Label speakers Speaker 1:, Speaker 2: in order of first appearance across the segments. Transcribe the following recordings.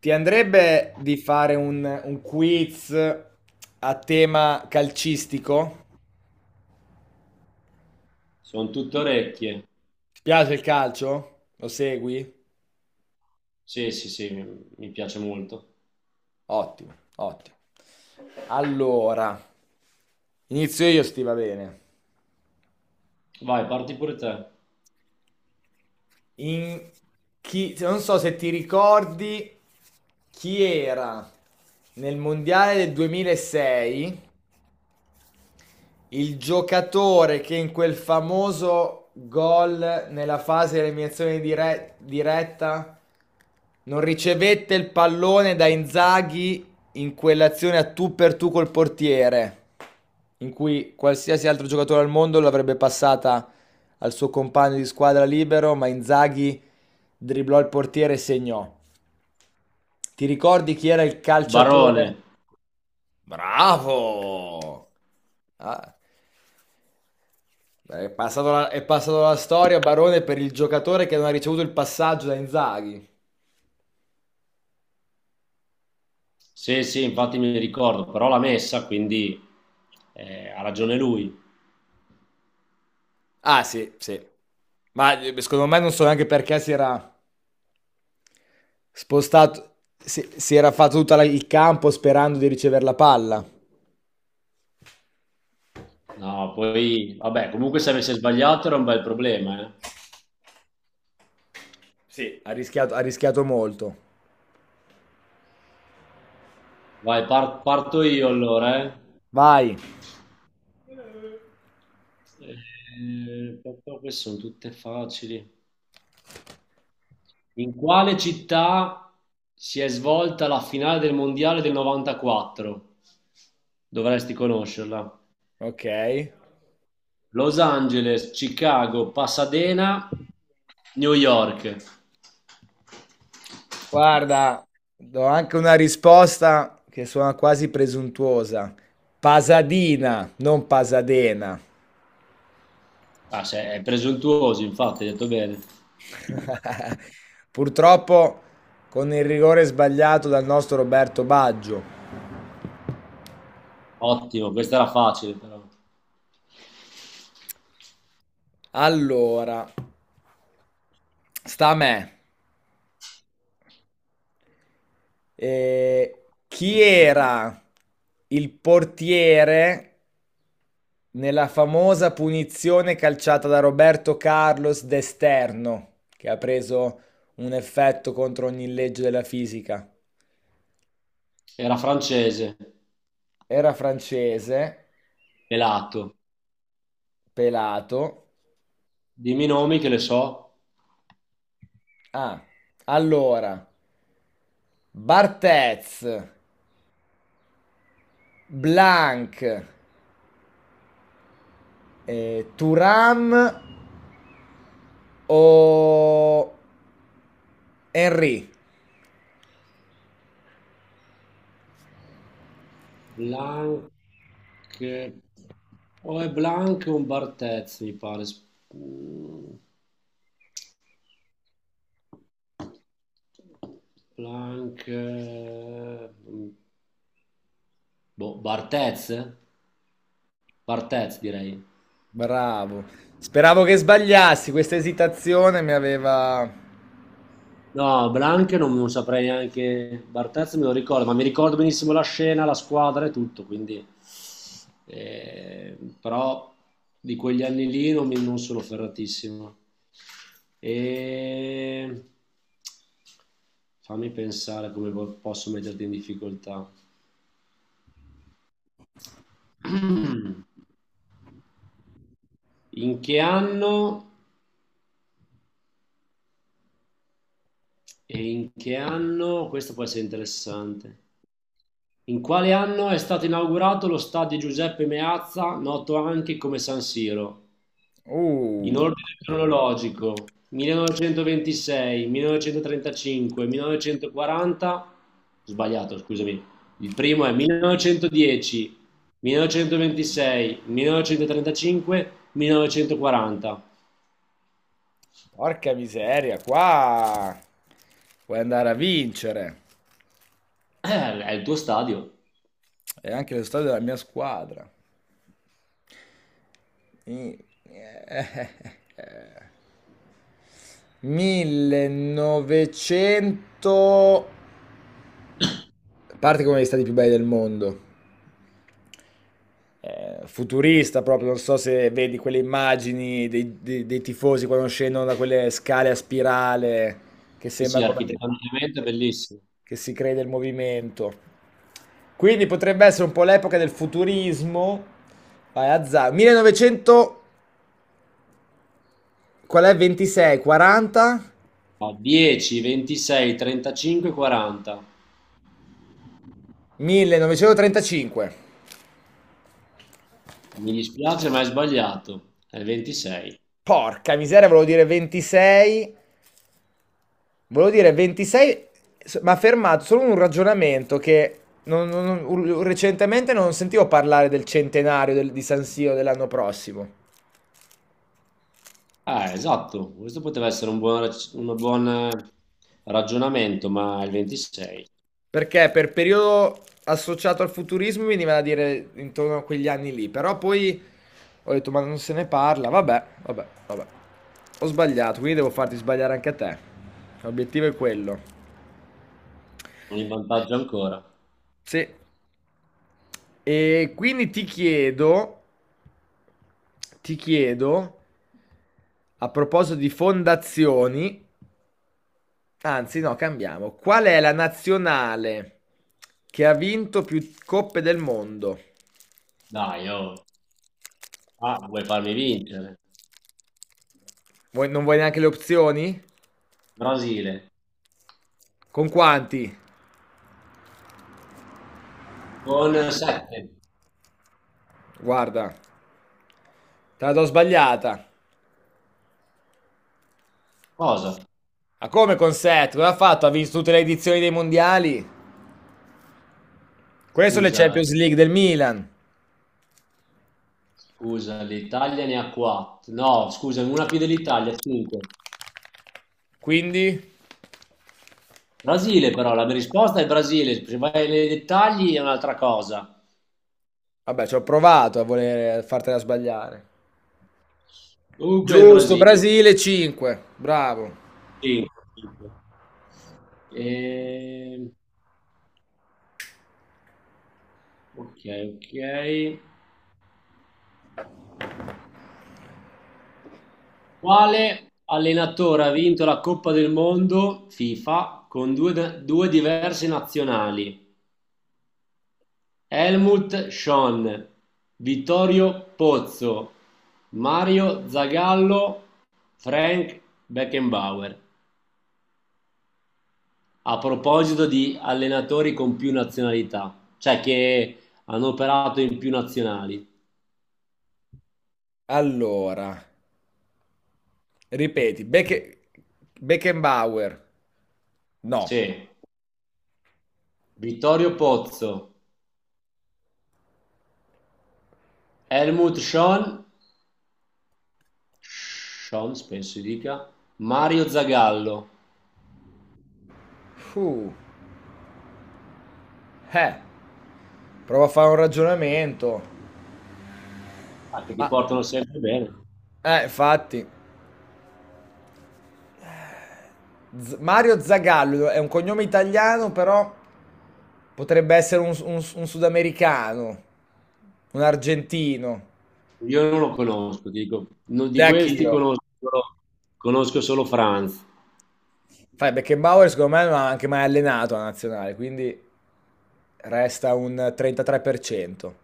Speaker 1: Ti andrebbe di fare un quiz a tema calcistico?
Speaker 2: Sono tutte orecchie.
Speaker 1: Ti piace il calcio? Lo segui?
Speaker 2: Sì, sì, sì, mi piace molto.
Speaker 1: Ottimo, ottimo. Allora, inizio io, sti va bene.
Speaker 2: Vai, parti pure te.
Speaker 1: In Non so se ti ricordi chi era nel mondiale del 2006. Il giocatore che in quel famoso gol nella fase di eliminazione diretta non ricevette il pallone da Inzaghi in quell'azione a tu per tu col portiere, in cui qualsiasi altro giocatore al mondo l'avrebbe passata al suo compagno di squadra libero, ma Inzaghi dribblò il portiere e segnò. Ti ricordi chi era il
Speaker 2: Barone.
Speaker 1: calciatore? Bravo! Ah. Beh, è passato la storia, Barone, per il giocatore che non ha ricevuto il passaggio da Inzaghi.
Speaker 2: Sì, sì, infatti mi ricordo, però l'ha messa, quindi ha ragione lui.
Speaker 1: Ah, sì, sì. Ma secondo me non so neanche perché si era spostato, si era fatto tutto il campo sperando di ricevere la palla.
Speaker 2: No, poi, vabbè, comunque se avesse sbagliato era un bel problema, eh.
Speaker 1: Sì. Ha rischiato molto.
Speaker 2: Vai, parto io allora, eh.
Speaker 1: Vai.
Speaker 2: Queste sono tutte facili. In quale città si è svolta la finale del mondiale del 94? Dovresti conoscerla.
Speaker 1: Ok.
Speaker 2: Los Angeles, Chicago, Pasadena, New York.
Speaker 1: Guarda, do anche una risposta che suona quasi presuntuosa. Pasadina, non Pasadena.
Speaker 2: Ah, è presuntuoso, infatti, hai detto bene.
Speaker 1: Purtroppo con il rigore sbagliato dal nostro Roberto Baggio.
Speaker 2: Ottimo, questa era facile però.
Speaker 1: Allora, sta a me. Chi era il portiere nella famosa punizione calciata da Roberto Carlos d'esterno, che ha preso un effetto contro ogni legge della fisica?
Speaker 2: Era francese,
Speaker 1: Era francese,
Speaker 2: pelato.
Speaker 1: pelato.
Speaker 2: Dimmi i nomi che le so.
Speaker 1: Ah, allora, Barthez, Blanc, Thuram o Henry.
Speaker 2: Blanc. O è Blanc o un Barthez, mi pare. Mm. Blanc. Boh, Barthez? Barthez, direi.
Speaker 1: Bravo. Speravo che sbagliassi, questa esitazione mi aveva.
Speaker 2: No, Blanche non saprei neanche, Barthez me lo ricordo, ma mi ricordo benissimo la scena, la squadra e tutto, quindi. Però di quegli anni lì non sono ferratissimo. E... Fammi pensare come posso metterti in difficoltà. In che anno? E in che anno? Questo può essere interessante. In quale anno è stato inaugurato lo stadio Giuseppe Meazza, noto anche come San Siro? In
Speaker 1: Uh,
Speaker 2: ordine cronologico, 1926, 1935, 1940, sbagliato, scusami. Il primo è 1910, 1926, 1935, 1940.
Speaker 1: Porca miseria, qua puoi andare a vincere.
Speaker 2: È il tuo stadio.
Speaker 1: E anche lo stadio della mia squadra. I- 1900. A parte che è uno degli stati più belli del mondo, futurista proprio, non so se vedi quelle immagini dei tifosi quando scendono da quelle scale a spirale, che
Speaker 2: Sì,
Speaker 1: sembra
Speaker 2: sì,
Speaker 1: come che,
Speaker 2: architettonicamente è bellissimo.
Speaker 1: che si crede il movimento. Quindi potrebbe essere un po' l'epoca del futurismo. Vai, 1900, qual è? 26, 40,
Speaker 2: Fa 10, 26, 35, 40.
Speaker 1: 1935.
Speaker 2: Mi dispiace, ma hai sbagliato. È il 26.
Speaker 1: Porca miseria, volevo dire 26. Volevo dire 26, ma fermato solo un ragionamento che recentemente non sentivo parlare del centenario di San Siro dell'anno prossimo.
Speaker 2: Ah, esatto. Questo poteva essere un buon ragionamento, ma è il 26.
Speaker 1: Perché per periodo associato al futurismo mi veniva da dire intorno a quegli anni lì, però poi ho detto ma non se ne parla, vabbè, vabbè, vabbè. Ho sbagliato, quindi devo farti sbagliare anche a te. L'obiettivo è quello.
Speaker 2: Sono in vantaggio ancora.
Speaker 1: Sì. E quindi ti chiedo, a proposito di fondazioni, anzi no, cambiamo. Qual è la nazionale che ha vinto più coppe del mondo?
Speaker 2: Dai, oh. Ah, vuoi farmi vincere?
Speaker 1: Non vuoi neanche le opzioni?
Speaker 2: Brasile
Speaker 1: Con quanti?
Speaker 2: con 7.
Speaker 1: Guarda, te la do sbagliata.
Speaker 2: Cosa?
Speaker 1: Ma come con 7? Cosa ha fatto? Ha vinto tutte le edizioni dei mondiali? Queste sono le
Speaker 2: Scusa,
Speaker 1: Champions League del Milan.
Speaker 2: scusa, l'Italia ne ha 4. No, scusa, una più dell'Italia, 5.
Speaker 1: Quindi,
Speaker 2: Brasile però, la mia risposta è Brasile. Se vai nei dettagli è un'altra cosa.
Speaker 1: vabbè, ci ho provato a voler fartela sbagliare.
Speaker 2: Comunque è il
Speaker 1: Giusto,
Speaker 2: Brasile.
Speaker 1: Brasile 5. Bravo.
Speaker 2: Sì, tipo. Ehm, ok, ok. Quale allenatore ha vinto la Coppa del Mondo FIFA con due diverse nazionali? Helmut Schön, Vittorio Pozzo, Mario Zagallo, Frank Beckenbauer. A proposito di allenatori con più nazionalità, cioè che hanno operato in più nazionali.
Speaker 1: Allora, ripeti, Beckenbauer. No.
Speaker 2: Sì, Vittorio Pozzo. Helmut Schön, Schön penso si dica, Mario Zagallo,
Speaker 1: Uh, eh, Prova a fare un ragionamento.
Speaker 2: ah, che ti
Speaker 1: Ma,
Speaker 2: portano sempre bene.
Speaker 1: infatti, Mario Zagallo è un cognome italiano, però potrebbe essere un sudamericano, un argentino.
Speaker 2: Io non lo conosco, ti dico,
Speaker 1: De
Speaker 2: di questi
Speaker 1: Achiro.
Speaker 2: conosco solo Franz.
Speaker 1: Fai, Beckenbauer secondo me non ha anche mai allenato la nazionale, quindi resta un 33%.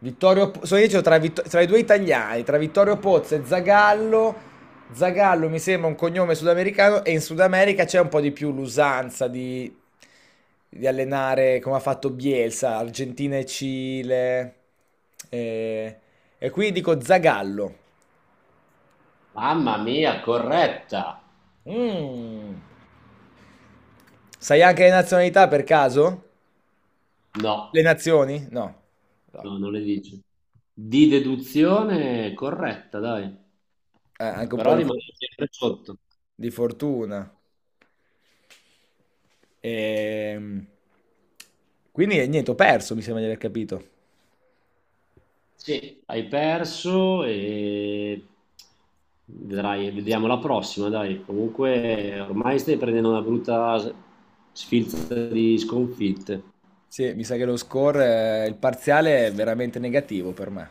Speaker 1: So io dicevo tra i due italiani, tra Vittorio Pozzo e Zagallo. Zagallo mi sembra un cognome sudamericano e in Sud America c'è un po' di più l'usanza di allenare come ha fatto Bielsa, Argentina e Cile. E, e qui dico Zagallo.
Speaker 2: Mamma mia, corretta!
Speaker 1: Mm. Sai anche le nazionalità per caso? Le
Speaker 2: No,
Speaker 1: nazioni? No. No.
Speaker 2: no, non le dice. Di deduzione corretta, dai.
Speaker 1: Anche un po'
Speaker 2: Però
Speaker 1: di...
Speaker 2: rimane
Speaker 1: fu-
Speaker 2: sempre sotto.
Speaker 1: di fortuna. Ehm, Quindi niente, ho perso, mi sembra di aver capito.
Speaker 2: Sì, hai perso e vedrai, vediamo la prossima, dai. Comunque ormai stai prendendo una brutta sfilza di sconfitte.
Speaker 1: Sì, mi sa che lo score, il parziale è veramente negativo per me.